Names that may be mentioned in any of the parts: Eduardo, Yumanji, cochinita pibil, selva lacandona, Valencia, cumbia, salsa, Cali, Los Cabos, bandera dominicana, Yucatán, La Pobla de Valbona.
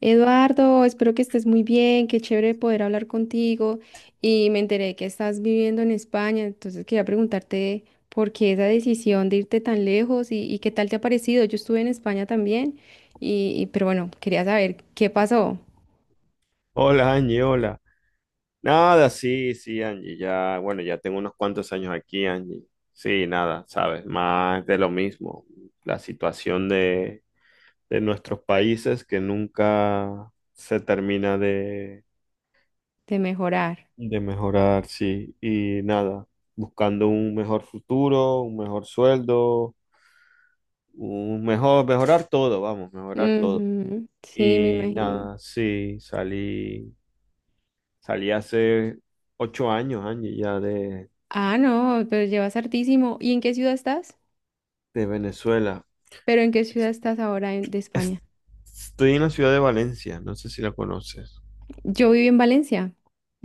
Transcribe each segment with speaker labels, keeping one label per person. Speaker 1: Eduardo, espero que estés muy bien, qué chévere poder hablar contigo y me enteré que estás viviendo en España, entonces quería preguntarte por qué esa decisión de irte tan lejos y qué tal te ha parecido. Yo estuve en España también pero bueno, quería saber qué pasó
Speaker 2: Hola Angie, hola. Nada, sí, sí, Angie, ya, bueno, ya tengo unos cuantos años aquí, Angie. Sí, nada, sabes, más de lo mismo. La situación de, nuestros países que nunca se termina de,
Speaker 1: de mejorar.
Speaker 2: de mejorar, sí. Y nada, buscando un mejor futuro, un mejor sueldo, un mejor, mejorar todo, vamos, mejorar todo.
Speaker 1: Ujú, sí, me
Speaker 2: Y
Speaker 1: imagino.
Speaker 2: nada, sí, salí hace 8 años, Angie, ya de
Speaker 1: Ah, no, pero llevas hartísimo. ¿Y en qué ciudad estás?
Speaker 2: de Venezuela.
Speaker 1: ¿Pero en qué ciudad estás ahora de
Speaker 2: Es-
Speaker 1: España?
Speaker 2: Estoy en la ciudad de Valencia, no sé si la conoces.
Speaker 1: Yo viví en Valencia,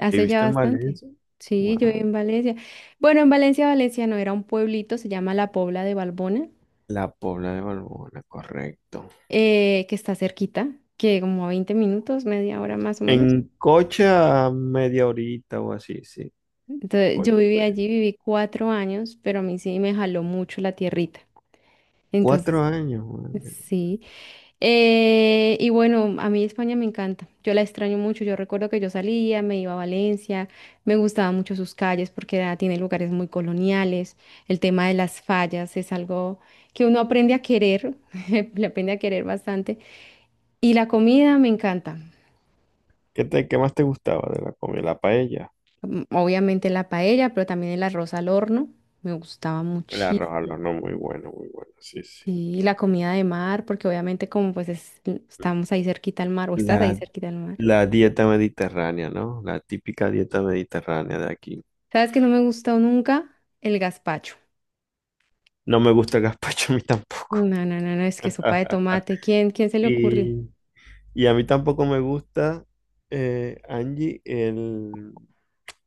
Speaker 1: hace ya
Speaker 2: ¿Viviste en
Speaker 1: bastante.
Speaker 2: Valencia?
Speaker 1: Sí, yo viví
Speaker 2: Wow.
Speaker 1: en Valencia. Bueno, en Valencia, Valencia no era un pueblito, se llama La Pobla de Valbona,
Speaker 2: La Pobla de Valbona, correcto.
Speaker 1: que está cerquita, que como a 20 minutos, media hora más o
Speaker 2: En
Speaker 1: menos.
Speaker 2: coche a media horita o así, sí.
Speaker 1: Entonces,
Speaker 2: Coche.
Speaker 1: yo viví allí, viví 4 años, pero a mí sí me jaló mucho la tierrita.
Speaker 2: Cuatro
Speaker 1: Entonces,
Speaker 2: años, madre.
Speaker 1: sí. Y bueno, a mí España me encanta, yo la extraño mucho, yo recuerdo que yo salía, me iba a Valencia, me gustaban mucho sus calles porque tiene lugares muy coloniales, el tema de las fallas es algo que uno aprende a querer, le aprende a querer bastante, y la comida me encanta,
Speaker 2: ¿Qué más te gustaba de la comida? La paella.
Speaker 1: mm, obviamente la paella, pero también el arroz al horno, me gustaba
Speaker 2: El arroz al
Speaker 1: muchísimo.
Speaker 2: horno, muy bueno, muy bueno, sí, sí.
Speaker 1: Y la comida de mar, porque obviamente como pues estamos ahí cerquita al mar, o estás ahí
Speaker 2: La,
Speaker 1: cerquita al mar.
Speaker 2: la dieta mediterránea, ¿no? La típica dieta mediterránea de aquí.
Speaker 1: ¿Sabes que no me gustó nunca? El gazpacho.
Speaker 2: No me gusta el gazpacho a mí tampoco.
Speaker 1: No, no, no, no, es que sopa de tomate. ¿Quién, quién se le ocurre?
Speaker 2: Y Y a mí tampoco me gusta, Angie,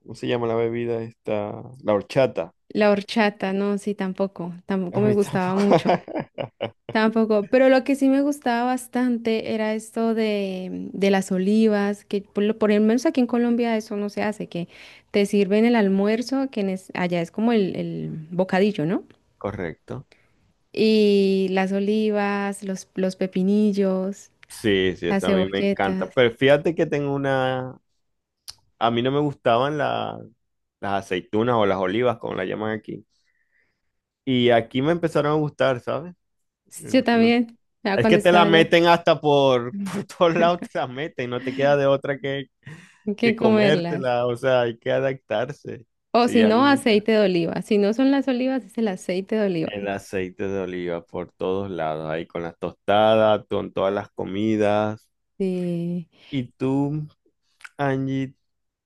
Speaker 2: ¿cómo se llama la bebida esta? La horchata.
Speaker 1: La horchata, no, sí, tampoco. Tampoco
Speaker 2: A
Speaker 1: me
Speaker 2: mí
Speaker 1: gustaba
Speaker 2: tampoco.
Speaker 1: mucho. Tampoco. Pero lo que sí me gustaba bastante era esto de las olivas, que por lo menos aquí en Colombia eso no se hace, que te sirven el almuerzo, que allá es como el bocadillo, ¿no?
Speaker 2: Correcto.
Speaker 1: Y las olivas, los pepinillos,
Speaker 2: Sí, sí,
Speaker 1: las
Speaker 2: esa a mí me encanta.
Speaker 1: cebolletas.
Speaker 2: Pero fíjate que tengo una... A mí no me gustaban las aceitunas o las olivas, como la llaman aquí. Y aquí me empezaron a gustar, ¿sabes?
Speaker 1: Yo
Speaker 2: Me,
Speaker 1: también, ya
Speaker 2: Es que
Speaker 1: cuando
Speaker 2: te
Speaker 1: estaba
Speaker 2: la
Speaker 1: allá.
Speaker 2: meten hasta por, por todos lados, te la meten, no te queda de otra que,
Speaker 1: Hay que
Speaker 2: que
Speaker 1: comerlas.
Speaker 2: comértela, o sea, hay que adaptarse.
Speaker 1: O si
Speaker 2: Sí, a mí
Speaker 1: no,
Speaker 2: me encanta.
Speaker 1: aceite de oliva. Si no son las olivas, es el aceite de oliva.
Speaker 2: El aceite de oliva por todos lados, ahí con las tostadas, con todas las comidas.
Speaker 1: Sí,
Speaker 2: Y tú, Angie,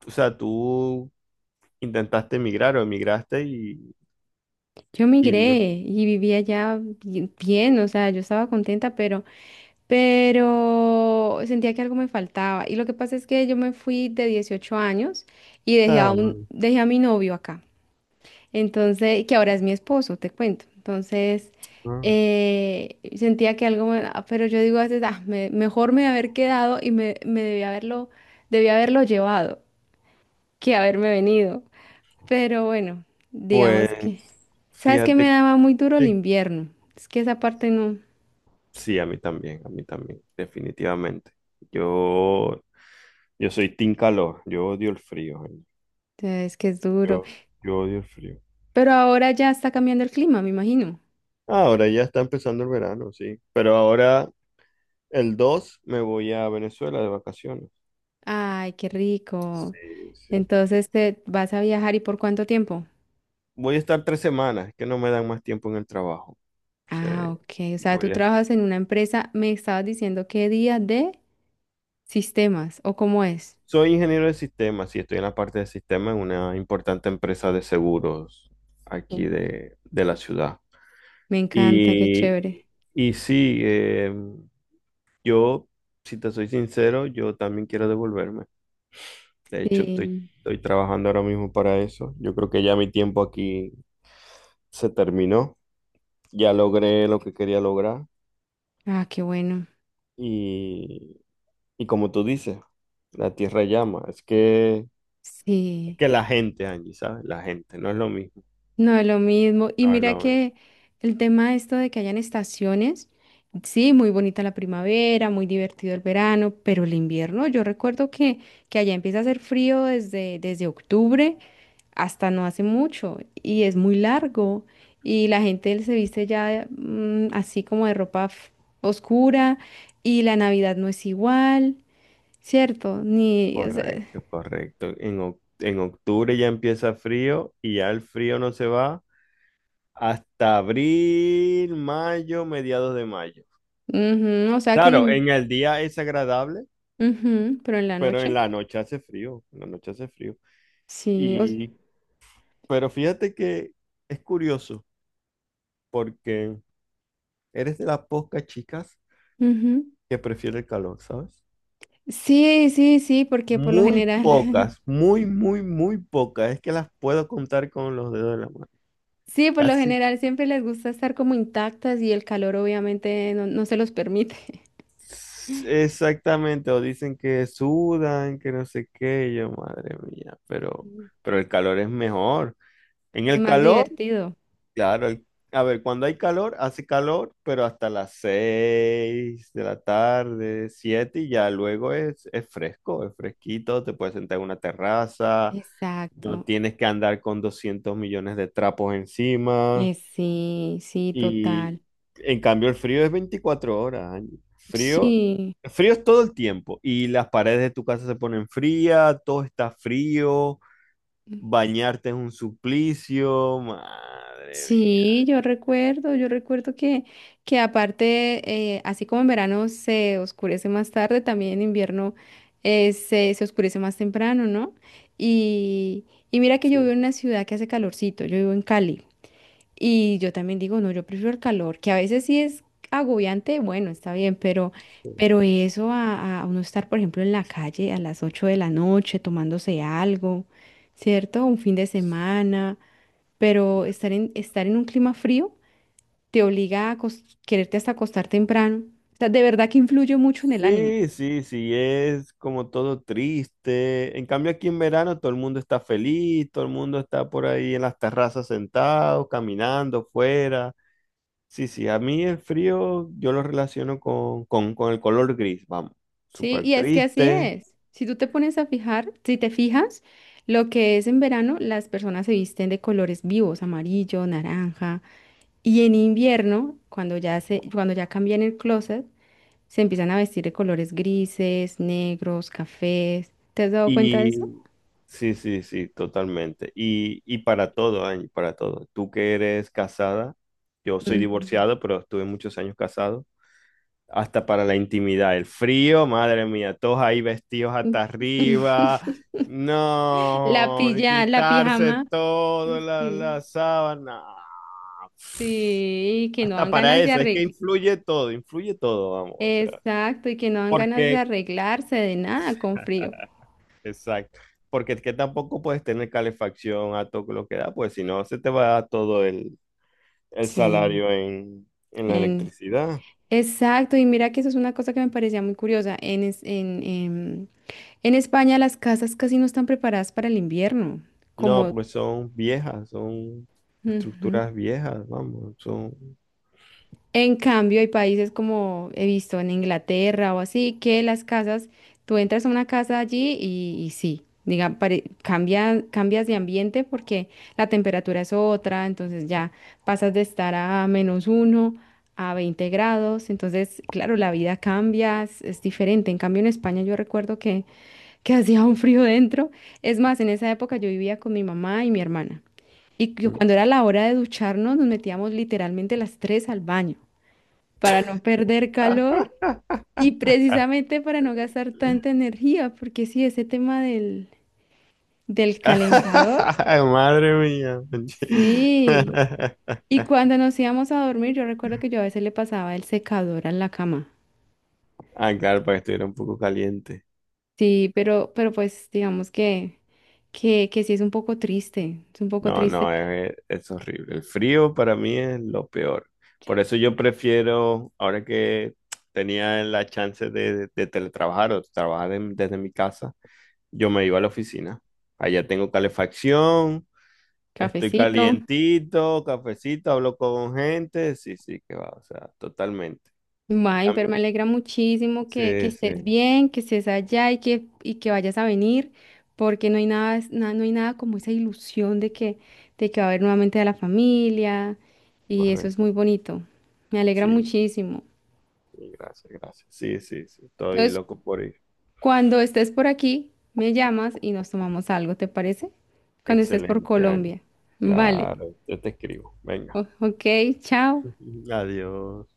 Speaker 2: o sea, tú intentaste emigrar o emigraste y...
Speaker 1: yo
Speaker 2: y lo-
Speaker 1: migré y vivía allá bien, o sea, yo estaba contenta, pero sentía que algo me faltaba. Y lo que pasa es que yo me fui de 18 años y dejé a
Speaker 2: Ah, vale.
Speaker 1: dejé a mi novio acá. Entonces, que ahora es mi esposo, te cuento. Entonces,
Speaker 2: Ah.
Speaker 1: sentía que algo, ah, pero yo digo a veces, "Ah, mejor me haber quedado y me debí haberlo llevado que haberme venido. Pero bueno, digamos que,
Speaker 2: Pues
Speaker 1: ¿sabes qué me
Speaker 2: fíjate,
Speaker 1: daba muy duro el
Speaker 2: sí,
Speaker 1: invierno? Es que esa parte no,
Speaker 2: sí, a mí también, definitivamente. Yo Yo soy team calor, yo odio el frío, gente.
Speaker 1: es que es duro.
Speaker 2: Yo, yo odio el frío.
Speaker 1: Pero ahora ya está cambiando el clima, me imagino.
Speaker 2: Ahora ya está empezando el verano, sí. Pero ahora el 2 me voy a Venezuela de vacaciones.
Speaker 1: Ay, qué rico.
Speaker 2: Sí, sí.
Speaker 1: Entonces, ¿te vas a viajar y por cuánto tiempo?
Speaker 2: Voy a estar 3 semanas, que no me dan más tiempo en el trabajo. Sí,
Speaker 1: Ah, ok. O sea, tú
Speaker 2: voy a-
Speaker 1: trabajas en una empresa, me estabas diciendo qué día de sistemas o cómo es.
Speaker 2: Soy ingeniero de sistemas y estoy en la parte de sistemas en una importante empresa de seguros
Speaker 1: Uh,
Speaker 2: aquí de la ciudad.
Speaker 1: Me encanta, qué
Speaker 2: Y,
Speaker 1: chévere.
Speaker 2: y sí, yo, si te soy sincero, yo también quiero devolverme. De hecho, estoy,
Speaker 1: Sí.
Speaker 2: estoy trabajando ahora mismo para eso. Yo creo que ya mi tiempo aquí se terminó. Ya logré lo que quería lograr.
Speaker 1: Ah, qué bueno.
Speaker 2: Y, y como tú dices, la tierra llama. Es que, es
Speaker 1: Sí.
Speaker 2: que la gente, Angie, ¿sabes? La gente, no es lo mismo.
Speaker 1: No es lo mismo. Y
Speaker 2: No es
Speaker 1: mira
Speaker 2: lo mismo.
Speaker 1: que el tema de esto de que hayan estaciones, sí, muy bonita la primavera, muy divertido el verano, pero el invierno, yo recuerdo que allá empieza a hacer frío desde octubre, hasta no hace mucho y es muy largo y la gente se viste ya así como de ropa oscura y la Navidad no es igual, ¿cierto? Ni, o sea,
Speaker 2: Correcto, correcto. En octubre ya empieza frío y ya el frío no se va hasta abril, mayo, mediados de mayo.
Speaker 1: ujú, o sea que
Speaker 2: Claro, en el día es agradable,
Speaker 1: ujú, pero en la
Speaker 2: pero en
Speaker 1: noche,
Speaker 2: la noche hace frío. En la noche hace frío.
Speaker 1: sí,
Speaker 2: Y, pero fíjate que es curioso porque eres de las pocas chicas
Speaker 1: ujú.
Speaker 2: que prefiere el calor, ¿sabes?
Speaker 1: Sí, sí, sí, porque por lo
Speaker 2: Muy
Speaker 1: general,
Speaker 2: pocas, muy, muy, muy pocas. Es que las puedo contar con los dedos de la mano.
Speaker 1: sí, por lo
Speaker 2: Casi
Speaker 1: general siempre les gusta estar como intactas y el calor obviamente no, no se los permite.
Speaker 2: exactamente. O dicen que sudan, que no sé qué. Y yo, madre mía, pero, pero el calor es mejor. En
Speaker 1: Es
Speaker 2: el
Speaker 1: más
Speaker 2: calor
Speaker 1: divertido.
Speaker 2: Claro, a ver, cuando hay calor, hace calor, pero hasta las 6 de la tarde, 7 y ya luego es fresco, es fresquito, te puedes sentar en una terraza, no
Speaker 1: Exacto.
Speaker 2: tienes que andar con 200 millones de trapos encima
Speaker 1: Sí, sí,
Speaker 2: y
Speaker 1: total.
Speaker 2: en cambio el frío es 24 horas, Ángel. frío,
Speaker 1: Sí,
Speaker 2: frío es todo el tiempo y las paredes de tu casa se ponen frías, todo está frío, bañarte es un suplicio, madre mía.
Speaker 1: sí, yo recuerdo que aparte, así como en verano se oscurece más tarde, también en invierno se oscurece más temprano, ¿no? Y, y mira que yo vivo en una ciudad que hace calorcito, yo vivo en Cali. Y yo también digo, no, yo prefiero el calor, que a veces sí es agobiante, bueno, está bien,
Speaker 2: Sí.
Speaker 1: pero eso a uno estar, por ejemplo, en la calle a las 8 de la noche tomándose algo, ¿cierto? Un fin de
Speaker 2: Sí.
Speaker 1: semana, pero estar en un clima frío te obliga a quererte hasta acostar temprano. O sea, de verdad que influye mucho en el ánimo,
Speaker 2: Sí, sí, sí, es como todo triste. En cambio, aquí en verano todo el mundo está feliz, todo el mundo está por ahí en las terrazas sentado, caminando fuera. Sí, sí, a mí el frío yo lo relaciono con el color gris, vamos,
Speaker 1: ¿sí?
Speaker 2: súper
Speaker 1: Y es que así
Speaker 2: triste.
Speaker 1: es. Si tú te pones a fijar, si te fijas, lo que es en verano, las personas se visten de colores vivos, amarillo, naranja. Y en invierno, cuando cuando ya cambian el closet, se empiezan a vestir de colores grises, negros, cafés. ¿Te has dado cuenta de eso?
Speaker 2: Y sí, sí, sí, totalmente. Y para todo, Angie, para todo. Tú que eres casada, yo soy
Speaker 1: Mm.
Speaker 2: divorciado, pero estuve muchos años casado. Hasta para la intimidad. El frío, madre mía, todos ahí vestidos
Speaker 1: Mm.
Speaker 2: hasta arriba.
Speaker 1: La
Speaker 2: No,
Speaker 1: pilla, la
Speaker 2: quitarse
Speaker 1: pijama.
Speaker 2: todo, la,
Speaker 1: Sí,
Speaker 2: la sábana.
Speaker 1: sí, y que no
Speaker 2: Hasta
Speaker 1: dan
Speaker 2: para
Speaker 1: ganas de
Speaker 2: eso, es que
Speaker 1: arreglar.
Speaker 2: influye todo, vamos. O sea,
Speaker 1: Exacto, y que no dan ganas de
Speaker 2: porque,
Speaker 1: arreglarse de nada con frío.
Speaker 2: exacto, porque es que tampoco puedes tener calefacción a todo lo que da, pues si no, se te va todo el
Speaker 1: Sí.
Speaker 2: salario en la
Speaker 1: En,
Speaker 2: electricidad.
Speaker 1: exacto, y mira que eso es una cosa que me parecía muy curiosa. En, es- En España las casas casi no están preparadas para el invierno,
Speaker 2: No,
Speaker 1: como
Speaker 2: porque son viejas, son
Speaker 1: ujú.
Speaker 2: estructuras viejas, vamos, son
Speaker 1: En cambio, hay países como he visto en Inglaterra o así, que las casas, tú entras a una casa allí y sí, cambias de ambiente porque la temperatura es otra, entonces ya pasas de estar a menos uno a 20 grados, entonces, claro, la vida cambia, es diferente. En cambio, en España yo recuerdo que hacía un frío dentro. Es más, en esa época yo vivía con mi mamá y mi hermana. Y que cuando era la hora de ducharnos, nos metíamos literalmente las tres al baño para no perder calor y precisamente para no gastar tanta energía, porque sí, ese tema del calentador,
Speaker 2: Madre mía.
Speaker 1: sí. Y cuando nos íbamos a dormir, yo recuerdo que yo a veces le pasaba el secador a la cama.
Speaker 2: Ah, claro, para que estuviera un poco caliente.
Speaker 1: Sí, pero pues digamos que sí es un poco triste, es un poco
Speaker 2: No,
Speaker 1: triste.
Speaker 2: no, es horrible. El frío para mí es lo peor. Por eso yo prefiero, ahora que tenía la chance de teletrabajar o trabajar desde mi casa, yo me iba a la oficina. Allá tengo calefacción, estoy
Speaker 1: Cafecito.
Speaker 2: calientito, cafecito, hablo con gente. Sí, sí, que va, o sea, totalmente. En
Speaker 1: May, pero
Speaker 2: cambio-
Speaker 1: me alegra muchísimo que
Speaker 2: sí, sí,
Speaker 1: estés bien, que estés allá y que vayas a venir, porque no hay nada, no hay nada como esa ilusión de que va a haber nuevamente a la familia, y eso es
Speaker 2: correcto.
Speaker 1: muy bonito. Me alegra
Speaker 2: Sí,
Speaker 1: muchísimo.
Speaker 2: sí, gracias, gracias. Sí, sí, sí, estoy
Speaker 1: Entonces,
Speaker 2: loco por ir.
Speaker 1: cuando estés por aquí, me llamas y nos tomamos algo, ¿te parece? Cuando estés por
Speaker 2: Excelente año.
Speaker 1: Colombia. Vale.
Speaker 2: Claro, yo te escribo. Venga.
Speaker 1: Ok, chao.
Speaker 2: Adiós.